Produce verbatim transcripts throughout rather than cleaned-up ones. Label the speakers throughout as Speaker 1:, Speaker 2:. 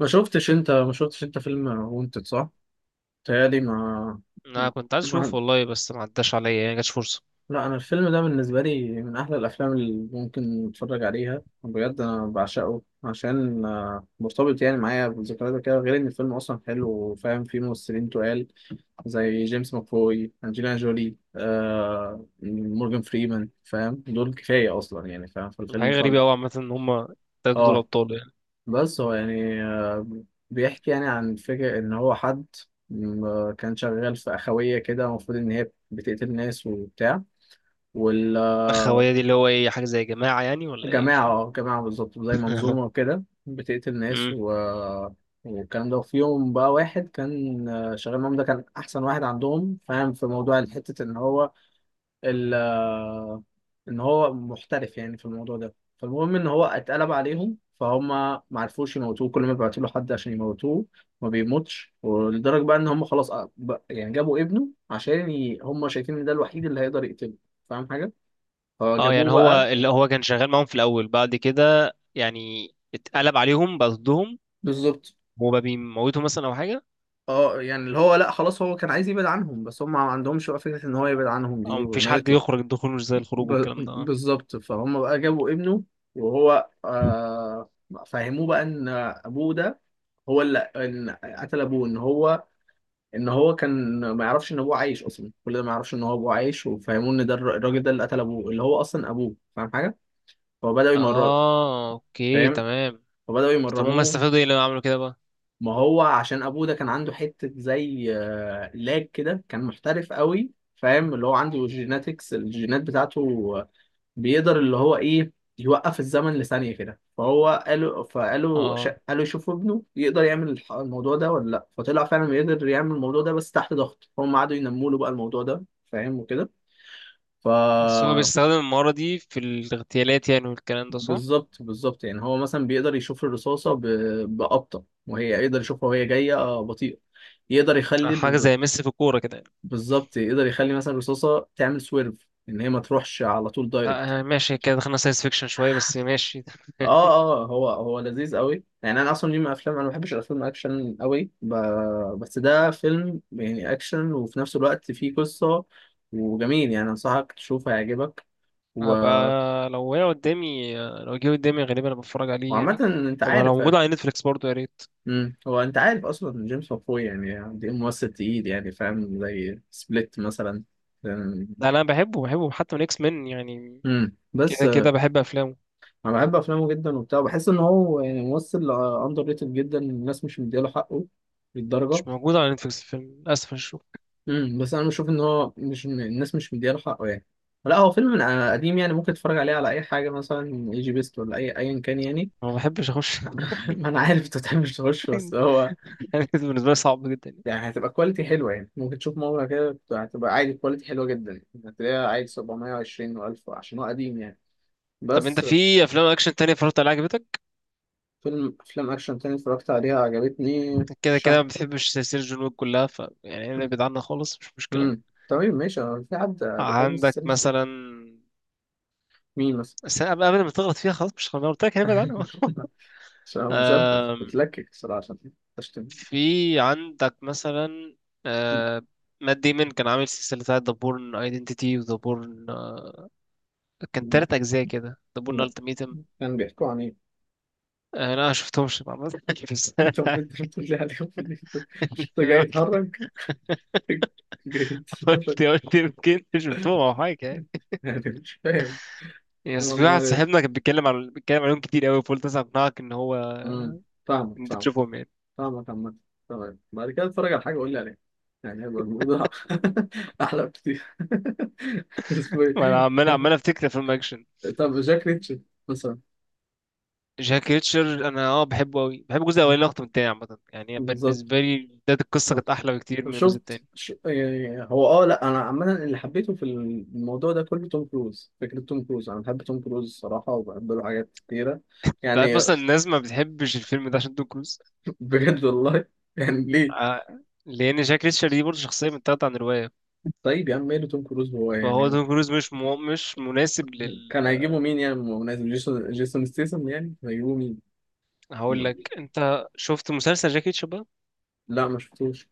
Speaker 1: ما شفتش انت ما شفتش انت فيلم وانتد، صح؟ تهيألي ما...
Speaker 2: انا كنت عايز اشوف
Speaker 1: ما،
Speaker 2: والله، بس ما عداش عليا، يعني ما جاتش فرصه.
Speaker 1: لا، انا الفيلم ده بالنسبه لي من احلى الافلام اللي ممكن اتفرج عليها، بجد انا بعشقه عشان آه، مرتبط يعني معايا بذكريات كده، غير ان الفيلم اصلا حلو وفاهم فيه ممثلين تقال زي جيمس ماكفوي، انجلينا جولي، آه مورجان فريمان، فاهم؟ دول كفايه اصلا يعني، فاهم فالفيلم
Speaker 2: حاجه
Speaker 1: طالع.
Speaker 2: غريبه قوي عامه، ان هما التلاتة دول
Speaker 1: اه.
Speaker 2: ابطال يعني.
Speaker 1: بس هو يعني آه، بيحكي يعني عن فكرة إن هو حد م- كان شغال في أخوية كده، المفروض إن هي بتقتل ناس وبتاع، وال آه،
Speaker 2: الخويه دي اللي هو ايه، حاجه زي جماعه يعني ولا ايه؟ مش
Speaker 1: جماعة،
Speaker 2: فاهم.
Speaker 1: آه، جماعة بالظبط زي منظومة وكده بتقتل ناس
Speaker 2: أمم.
Speaker 1: و... والكلام ده. وفي يوم بقى، واحد كان آه، شغال معاهم، ده كان أحسن واحد عندهم، فاهم؟ في موضوع حتة إن هو ال آه، ان هو محترف يعني في الموضوع ده. فالمهم ان هو اتقلب عليهم، فهم ما عرفوش يموتوه، كل ما بيبعتوا له حد عشان يموتوه ما بيموتش. ولدرجه بقى ان هم خلاص، أ- بقى- يعني جابوا ابنه عشان ي... هم شايفين ان ده الوحيد اللي هيقدر يقتله، فاهم حاجه؟
Speaker 2: اه، يعني
Speaker 1: فجابوه
Speaker 2: هو
Speaker 1: بقى.
Speaker 2: اللي هو كان شغال معاهم في الاول، بعد كده يعني اتقلب عليهم بقى ضدهم،
Speaker 1: بالظبط.
Speaker 2: وبقى بيموتهم مثلا او حاجه.
Speaker 1: اه يعني اللي هو، لا خلاص هو كان عايز يبعد عنهم، بس هم ما عندهمش بقى فكره ان هو يبعد عنهم
Speaker 2: او
Speaker 1: دي
Speaker 2: مفيش
Speaker 1: وانه
Speaker 2: حد
Speaker 1: يطلع.
Speaker 2: يخرج، الدخول مش زي الخروج
Speaker 1: ب...
Speaker 2: والكلام ده.
Speaker 1: بالظبط. فهم بقى جابوا ابنه وهو آه... فهموه بقى ان ابوه ده هو اللي، إن قتل ابوه، ان هو، ان هو كان ما يعرفش ان ابوه عايش اصلا، كل ده ما يعرفش ان هو ابوه عايش، وفهموه ان ده الر- الراجل ده اللي قتل ابوه، اللي هو اصلا ابوه، فاهم حاجه؟ فبداوا يمرنوا.
Speaker 2: اه، اوكي
Speaker 1: فاهم؟
Speaker 2: تمام.
Speaker 1: فبداوا
Speaker 2: طب هما
Speaker 1: يمرنوه.
Speaker 2: استفادوا ايه لما عملوا كده بقى؟
Speaker 1: ما هو عشان ابوه ده كان عنده حته زي آه، لاج كده، كان محترف قوي، فاهم؟ اللي هو عنده جيناتكس، الجينات بتاعته بيقدر اللي هو ايه، يوقف الزمن لثانية كده. فهو قالوا فقالوا ش...
Speaker 2: اه،
Speaker 1: قالوا يشوفوا ابنه يقدر يعمل الح- الموضوع ده ولا لا، فطلع فعلا يقدر يعمل الموضوع ده، بس تحت ضغط. هم قعدوا ينموا له بقى الموضوع ده، فاهم؟ وكده. ف،
Speaker 2: بس هو بيستخدم المهارة دي في الاغتيالات يعني والكلام ده، صح؟
Speaker 1: بالظبط بالظبط يعني هو مثلا بيقدر يشوف الرصاصة ب... بأبطأ، وهي يقدر يشوفها وهي جاية آه، بطيئة، يقدر يخلي
Speaker 2: حاجة
Speaker 1: ال...
Speaker 2: زي ميسي في الكورة كده يعني.
Speaker 1: بالظبط يقدر يخلي مثلا الرصاصة تعمل سويرف، ان هي ما تروحش على طول دايركت.
Speaker 2: لا، آه، ماشي كده، دخلنا ساينس فيكشن شوية بس ماشي.
Speaker 1: اه. اه هو هو لذيذ قوي يعني، انا اصلا ليه من افلام، انا ما بحبش الافلام اكشن قوي، ب... بس ده فيلم يعني اكشن وفي نفس الوقت فيه قصة وجميل، يعني انصحك تشوفه هيعجبك. و...
Speaker 2: هبقى. لو هي قدامي، آه، لو جه قدامي غالبا أنا بتفرج عليه
Speaker 1: وعامة
Speaker 2: يعني.
Speaker 1: انت
Speaker 2: وما لو
Speaker 1: عارف،
Speaker 2: موجود على نتفليكس برضه يا ريت.
Speaker 1: امم هو انت عارف اصلا جيمس مافوي يعني دي ممثل تقيل يعني، فاهم؟ زي سبليت مثلا.
Speaker 2: لا لا، أنا بحبه بحبه حتى من إكس مان يعني.
Speaker 1: امم بس
Speaker 2: كده
Speaker 1: آه،
Speaker 2: كده بحب أفلامه.
Speaker 1: انا بحب افلامه جدا وبتاع، بحس ان هو يعني ممثل اندر ريتد جدا، الناس مش مديله حقه للدرجة.
Speaker 2: مش موجود على نتفليكس الفيلم للأسف، الشغل.
Speaker 1: امم، بس انا بشوف ان هو، مش الناس مش مدياله حقه يعني. لا هو فيلم من قديم يعني، ممكن تتفرج عليه على اي حاجه، مثلا اي جي بيست ولا اي، ايا كان يعني.
Speaker 2: ما بحبش أخش.
Speaker 1: ما انا عارف انت بتحبش تخش، بس هو
Speaker 2: يعني بالنسبة لي صعب جدا يعني.
Speaker 1: يعني هتبقى كواليتي حلوه، يعني ممكن تشوف مره كده، بت- هتبقى عادي كواليتي حلوه جدا يعني، هتلاقيها عادي سبعمائة وعشرين و1000 عشان هو قديم يعني.
Speaker 2: طب أنت
Speaker 1: بس.
Speaker 2: في أفلام أكشن تانية اتفرجت عليها عجبتك؟
Speaker 1: فيلم افلام اكشن تاني اتفرجت عليها عجبتني
Speaker 2: كده كده
Speaker 1: شهر.
Speaker 2: ما بتحبش سلسلة جون ويك كلها، ف يعني ابعد عنها خالص مش مشكلة.
Speaker 1: امم. تمام، ماشي، هو في حد بيحب
Speaker 2: عندك
Speaker 1: السلسله.
Speaker 2: مثلا.
Speaker 1: مين مثلا؟
Speaker 2: بس قبل قبل ما تغلط فيها خلاص، مش خلاص، قلت لك هنبعد عنها.
Speaker 1: عشان هو مسدس
Speaker 2: آم،
Speaker 1: بتلكك الصراحه، عشان تشتم.
Speaker 2: في عندك مثلا. آه، مات ديمون كان عامل سلسلة بتاعة The Bourne Identity و The Bourne، آه، كان
Speaker 1: م-
Speaker 2: تلات أجزاء كده، The Bourne
Speaker 1: لا،
Speaker 2: Ultimatum.
Speaker 1: كان بيحكوا عن ايه؟
Speaker 2: آه، لا، ما شفتهمش طبعا. بس
Speaker 1: انت بت- بتقول لي عليهم إن انت، أنت
Speaker 2: أنا
Speaker 1: جاي
Speaker 2: قلت.
Speaker 1: تهرج؟ جاي تهرج.
Speaker 2: قلت قلت يمكن شفتهم أو حاجة يعني.
Speaker 1: يعني مش فاهم اللي
Speaker 2: بس
Speaker 1: هو
Speaker 2: في واحد
Speaker 1: أمال إيه؟
Speaker 2: صاحبنا كان بيتكلم عن بيتكلم عليهم كتير قوي، فقلت أسمع أقنعك إن هو
Speaker 1: أمم،
Speaker 2: إن
Speaker 1: فاهمك
Speaker 2: أنت
Speaker 1: فاهمك
Speaker 2: تشوفهم يعني.
Speaker 1: فاهمك عامة. تمام، بعد كده اتفرج على حاجة قول لي عليها، يعني هيبقى الموضوع أحلى بكتير. اسمه
Speaker 2: وأنا
Speaker 1: ايه؟
Speaker 2: عمال عمال أفتكر أفلام أكشن.
Speaker 1: طب جاك ريتشارد مثلا.
Speaker 2: جاك ريتشر انا اه بحبه قوي، بحب الجزء الاولاني اكتر من التاني عامه، يعني
Speaker 1: بالظبط.
Speaker 2: بالنسبه لي بدايه القصه كانت احلى بكتير
Speaker 1: طب
Speaker 2: من الجزء
Speaker 1: شفت
Speaker 2: التاني.
Speaker 1: ش... يعني هو اه لا، انا عامه اللي حبيته في الموضوع ده كله توم كروز، فكره توم كروز، انا بحب توم كروز الصراحه وبحب له حاجات كتيره
Speaker 2: انت عارف
Speaker 1: يعني.
Speaker 2: اصلا الناس ما بتحبش الفيلم ده عشان توم كروز،
Speaker 1: بجد والله، يعني ليه؟
Speaker 2: آه، لان جاك ريتشر دي برضه شخصيه متاخده عن روايه.
Speaker 1: طيب يا عم ماله توم كروز هو
Speaker 2: فهو
Speaker 1: يعني،
Speaker 2: توم كروز مش مو... مش مناسب لل.
Speaker 1: كان هيجيبوا مين يعني؟ بمناسبة جيسون، جيسون ستيسن يعني كان هيجيبوا مين؟
Speaker 2: هقول لك، انت شفت مسلسل جاك ريتشر بقى؟
Speaker 1: لا ما شفتوش.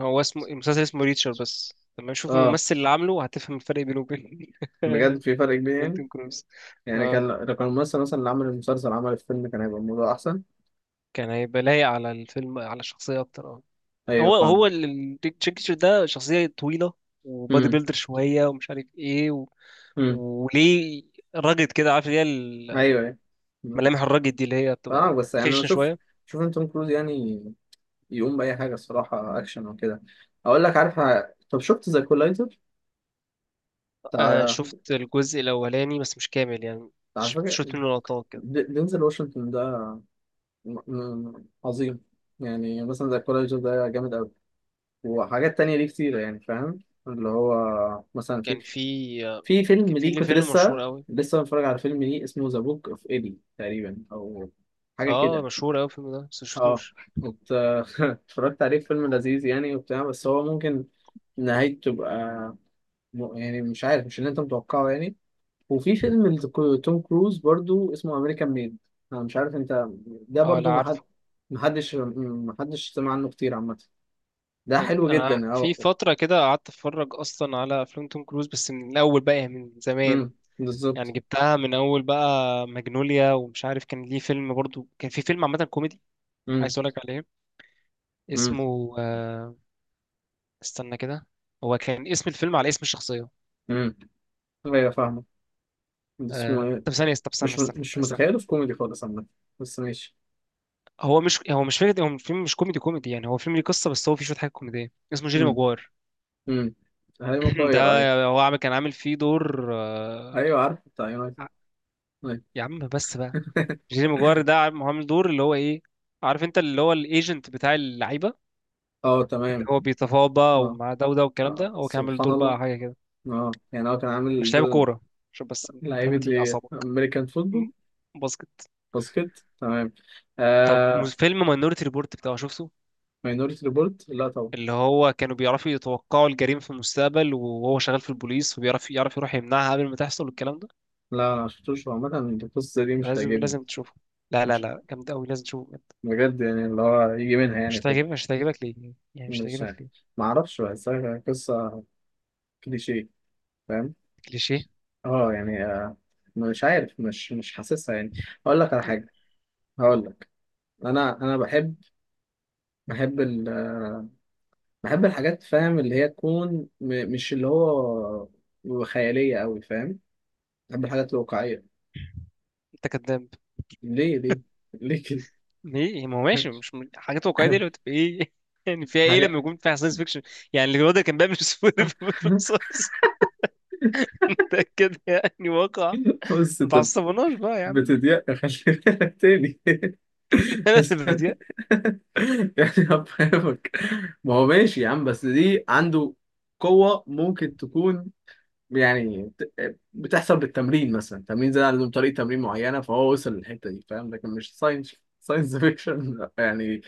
Speaker 2: هو اسمه المسلسل اسمه ريتشر بس. لما شوف
Speaker 1: اه
Speaker 2: الممثل اللي عامله هتفهم الفرق بينه وبين
Speaker 1: بجد في فرق كبير
Speaker 2: بين
Speaker 1: يعني،
Speaker 2: توم كروز.
Speaker 1: يعني
Speaker 2: اه،
Speaker 1: كان لو كان الممثل مثلا اللي عمل المسلسل عمل الفيلم، كان هيبقى الموضوع احسن.
Speaker 2: كان هيبقى لايق على الفيلم، على الشخصيه اكتر، اه.
Speaker 1: ايوه
Speaker 2: هو هو
Speaker 1: فاهم.
Speaker 2: التشيكتشر ده شخصية طويلة، وبادي
Speaker 1: امم.
Speaker 2: بيلدر شوية ومش عارف ايه و...
Speaker 1: امم.
Speaker 2: وليه راجد كده، عارف اللي هي
Speaker 1: ايوه. أيوة.
Speaker 2: الملامح الراجد دي اللي هي
Speaker 1: اه
Speaker 2: بتبقى
Speaker 1: بس يعني انا
Speaker 2: خشنة
Speaker 1: شوف،
Speaker 2: شوية.
Speaker 1: شوف إن توم كروز يعني يقوم باي حاجه الصراحه، اكشن او كده. اقول لك عارف ع- طب شفت ذا كولايزر
Speaker 2: آه،
Speaker 1: بتاع،
Speaker 2: شفت الجزء الأولاني بس مش كامل يعني.
Speaker 1: بتاع
Speaker 2: ش-
Speaker 1: فاكر
Speaker 2: شفت منه لقطات كده.
Speaker 1: د- دينزل واشنطن ده، م- م- عظيم. يعني مثلا ذا كولايزر ده جامد قوي، وحاجات تانية ليه كتير يعني، فاهم؟ اللي هو مثلا في،
Speaker 2: كان في آه،
Speaker 1: في فيلم
Speaker 2: كان في
Speaker 1: ليه
Speaker 2: ليه
Speaker 1: كنت
Speaker 2: فيلم مشهور
Speaker 1: لسه،
Speaker 2: قوي.
Speaker 1: لسه بتفرج على فيلم ليه اسمه ذا بوك اوف ايدي تقريبا، او حاجه
Speaker 2: اه،
Speaker 1: كده.
Speaker 2: مشهور قوي الفيلم ده بس
Speaker 1: اه
Speaker 2: مشفتوش.
Speaker 1: ات- اتفرجت عليه، فيلم لذيذ يعني وبتاع، بس هو ممكن نهايته تبقى م- يعني مش عارف، مش اللي انت متوقعه يعني. وفي فيلم لتو- توم كروز برضو اسمه امريكان ميد، انا مش عارف انت، ده
Speaker 2: اه لا
Speaker 1: برضو محد،
Speaker 2: عارفه.
Speaker 1: محدش محدش سمع عنه كتير عامة، ده
Speaker 2: يعني
Speaker 1: حلو
Speaker 2: انا
Speaker 1: جدا.
Speaker 2: في
Speaker 1: اه.
Speaker 2: فترة كده قعدت اتفرج اصلا على افلام توم كروز بس من الاول بقى، يعني من زمان.
Speaker 1: امم.
Speaker 2: يعني
Speaker 1: بالظبط.
Speaker 2: جبتها من اول بقى، ماجنوليا ومش عارف، كان ليه فيلم برضو، كان في فيلم عامه كوميدي، عايز
Speaker 1: امم.
Speaker 2: اقول لك عليه.
Speaker 1: امم.
Speaker 2: اسمه، آه، استنى كده. هو كان اسم الفيلم على اسم الشخصيه.
Speaker 1: امم. ايوه فاهمه، بس اسمه
Speaker 2: آه،
Speaker 1: ايه؟
Speaker 2: طب ثانيه، طب استنى
Speaker 1: مش م-
Speaker 2: استنى
Speaker 1: مش
Speaker 2: استنى.
Speaker 1: متخيله في كوميدي خالص عامة، بس ماشي.
Speaker 2: هو مش هو مش فكره، هو فيلم مش كوميدي كوميدي يعني، هو فيلم ليه قصه بس هو فيه شويه حاجات كوميديه، اسمه جيري
Speaker 1: امم.
Speaker 2: ماجوار.
Speaker 1: امم. هيبقى
Speaker 2: ده
Speaker 1: مغير، ايوه.
Speaker 2: هو عامل كان عامل فيه دور، آه،
Speaker 1: ايوه عارف بتاع. طيب.
Speaker 2: يا عم بس بقى. جيري ماجوار ده عامل عامل دور اللي هو ايه، عارف انت اللي هو الايجنت بتاع اللعيبه،
Speaker 1: اه
Speaker 2: اللي
Speaker 1: تمام.
Speaker 2: هو بيتفاوض بقى
Speaker 1: اه.
Speaker 2: ومع ده وده والكلام
Speaker 1: آه،
Speaker 2: ده، هو كان عامل
Speaker 1: سبحان
Speaker 2: دور
Speaker 1: الله.
Speaker 2: بقى حاجة كده.
Speaker 1: اه يعني هو كان عامل
Speaker 2: مش لعيب
Speaker 1: دور،
Speaker 2: كورة، عشان بس
Speaker 1: لعيبة
Speaker 2: تهدي
Speaker 1: ايه،
Speaker 2: أعصابك.
Speaker 1: امريكان فوتبول؟
Speaker 2: م- باسكت.
Speaker 1: باسكت، تمام.
Speaker 2: طب م-
Speaker 1: آه.
Speaker 2: فيلم ماينورتي ريبورت بتاعه شفته؟
Speaker 1: ماينورتي ريبورت؟ لا طبعا.
Speaker 2: اللي هو كانوا بيعرفوا يتوقعوا الجريمة في المستقبل، وهو شغال في البوليس وبيعرف يعرف يروح يمنعها قبل ما تحصل والكلام ده.
Speaker 1: لا انا مشفتوش، هو عامة القصة دي مش
Speaker 2: لازم
Speaker 1: هتعجبني.
Speaker 2: لازم تشوفه، لا لا
Speaker 1: مش
Speaker 2: لا، جامد قوي، لازم تشوفه بجد.
Speaker 1: بجد يعني اللي هو يجي منها يعني
Speaker 2: مش
Speaker 1: كده؟
Speaker 2: هتعجبك مش هتعجبك ليه؟ يعني مش
Speaker 1: مش
Speaker 2: هتعجبك
Speaker 1: عارف،
Speaker 2: ليه؟
Speaker 1: معرفش، بحسها قصة كليشيه، فاهم؟
Speaker 2: كليشيه.
Speaker 1: اه يعني آه، مش عارف، مش مش حاسسها يعني. هقول لك على حاجة، هقول لك، انا انا بحب، بحب ال بحب الحاجات فاهم، اللي هي تكون م... مش اللي هو خيالية قوي، فاهم؟ بحب الحاجات الواقعية.
Speaker 2: انت كداب.
Speaker 1: ليه؟ ليه؟ ليه كده؟
Speaker 2: ليه يعني؟ ما هو ماشي، مش م- حاجات واقعية دي اللي بتبقى ايه يعني، فيها ايه
Speaker 1: حاجة.
Speaker 2: لما يكون فيها ساينس فيكشن؟ يعني الواد اللي كان بيعمل سفود في الرصاص، ده كده يعني واقع.
Speaker 1: بص
Speaker 2: ما
Speaker 1: انت
Speaker 2: تعصبناش بقى يا عم.
Speaker 1: بتضيق، خلي بالك تاني. بس-
Speaker 2: بديع.
Speaker 1: يعني هفهمك، ما هو ماشي يا عم، بس دي عنده قوة ممكن تكون يعني، بت- بتحصل بالتمرين، مثلا تمرين، زي عندهم طريقة تمرين معينة، فهو وصل للحتة دي، فاهم؟ لكن مش ساينس، ساينس فيكشن يعني،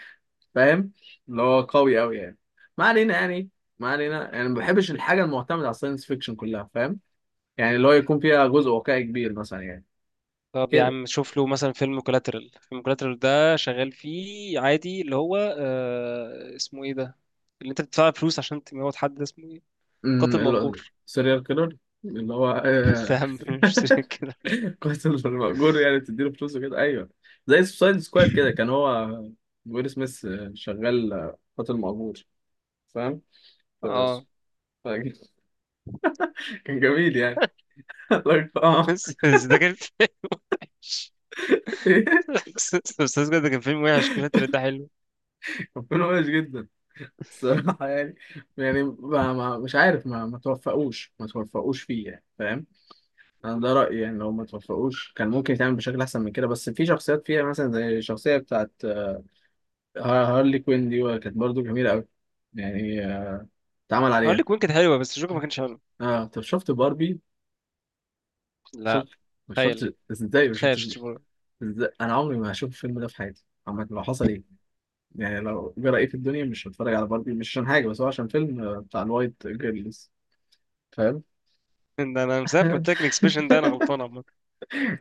Speaker 1: فاهم؟ اللي هو قوي قوي يعني. ما علينا يعني، ما علينا يعني ما بحبش الحاجه المعتمده على الساينس فيكشن كلها، فاهم؟ يعني اللي هو يكون فيها جزء واقعي كبير مثلا يعني
Speaker 2: طب يا
Speaker 1: كده.
Speaker 2: عم شوف له مثلا فيلم كولاترال. فيلم كولاترال ده شغال فيه عادي، اللي هو آه اسمه ايه ده، اللي انت بتدفع فلوس عشان تموت حد، ده اسمه ايه؟ قاتل
Speaker 1: امم،
Speaker 2: مأجور.
Speaker 1: سيريال كيلر. اللي هو آه،
Speaker 2: فاهم، مش كده؟
Speaker 1: قاتل مأجور، يعني بتديله فلوس وكده، ايوه زي سوسايد سكواد كده، كان هو ويل سميث آه، شغال آه، قاتل مأجور، فاهم؟ ف-
Speaker 2: اه
Speaker 1: ف- كان جميل يعني. اه.
Speaker 2: بس بس ده كان بس بس ده كان فيلم وحش. كولاترال ده حلو.
Speaker 1: كان فيلم وحش جدا الصراحة يعني، يعني ما ما مش عارف، ما ما توفقوش ما توفقوش فيه يعني، فاهم؟ انا ده رأيي يعني، لو ما توفقوش كان ممكن يتعمل بشكل احسن من كده، بس في شخصيات فيها مثلا زي الشخصية بتاعت آه، هارلي كوين دي، كانت برضو جميلة قوي يعني، آه، اتعمل
Speaker 2: هقول
Speaker 1: عليها.
Speaker 2: لك وين كانت حلوه بس جوكر ما كانش حلو.
Speaker 1: اه طب شفت باربي؟ شفت،
Speaker 2: لا.
Speaker 1: ما
Speaker 2: تخيل.
Speaker 1: شفت ازاي؟ ما
Speaker 2: تخيل
Speaker 1: شفتش
Speaker 2: شتيبور.
Speaker 1: ازاي؟ انا عمري ما هشوف الفيلم ده في حياتي عامة، لو حصل ايه يعني، لو جرى ايه في الدنيا مش هتفرج على باربي، مش عشان حاجة، بس هو عشان فيلم آه، بتاع الوايت جيرلز، فاهم؟
Speaker 2: ده انا من ساعه ما قلت لك الاكسبريشن ده، انا غلطان عامه.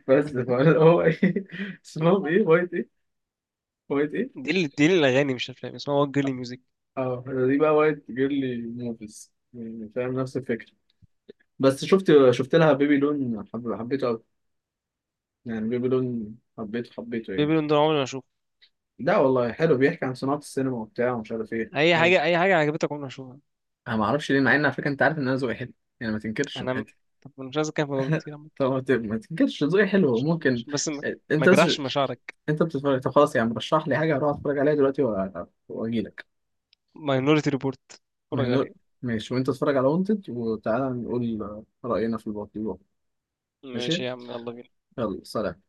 Speaker 1: بس فانا هو ايه اسمهم ايه، وايت ايه؟ وايت ايه؟
Speaker 2: دي اللي دي اللي الاغاني مش الافلام اسمها وات جيرلي ميوزك.
Speaker 1: اه دي بقى وايت جيرلي موفيز يعني، فاهم؟ نفس الفكره. بس شفت شفت لها بيبي لون، حب... حبيته قوي يعني، بيبي لون حبيته، حبيته
Speaker 2: بيبي
Speaker 1: يعني.
Speaker 2: لون ده عمري ما اشوفه.
Speaker 1: لا والله حلو، بيحكي عن صناعه السينما وبتاع ومش عارف ايه
Speaker 2: اي
Speaker 1: حاجة.
Speaker 2: حاجه اي حاجه عجبتك عمري ما اشوفها.
Speaker 1: انا ما اعرفش ليه، مع ان على فكره انت عارف ان انا ذوقي حلو يعني، ما تنكرش من
Speaker 2: انا م-
Speaker 1: حتى.
Speaker 2: طب أنا مش عايز اتكلم في الموضوع كتير عامة.
Speaker 1: طب ما ت- ما تنكرش ذوقي حلو
Speaker 2: عشان
Speaker 1: ممكن،
Speaker 2: عشان بس، ما ما
Speaker 1: انت بس،
Speaker 2: اجرحش مشاعرك.
Speaker 1: انت بتتفرج. طب خلاص يعني رشح لي حاجه اروح اتفرج عليها دلوقتي وأ- واجي لك.
Speaker 2: ماينورتي ريبورت،
Speaker 1: ما
Speaker 2: اتفرج
Speaker 1: هنقول.
Speaker 2: عليه.
Speaker 1: ماشي، وانت اتفرج على وانتد وتعالى نقول رأينا في الموضوع. ماشي،
Speaker 2: ماشي يا عم، يلا بينا.
Speaker 1: يلا سلام.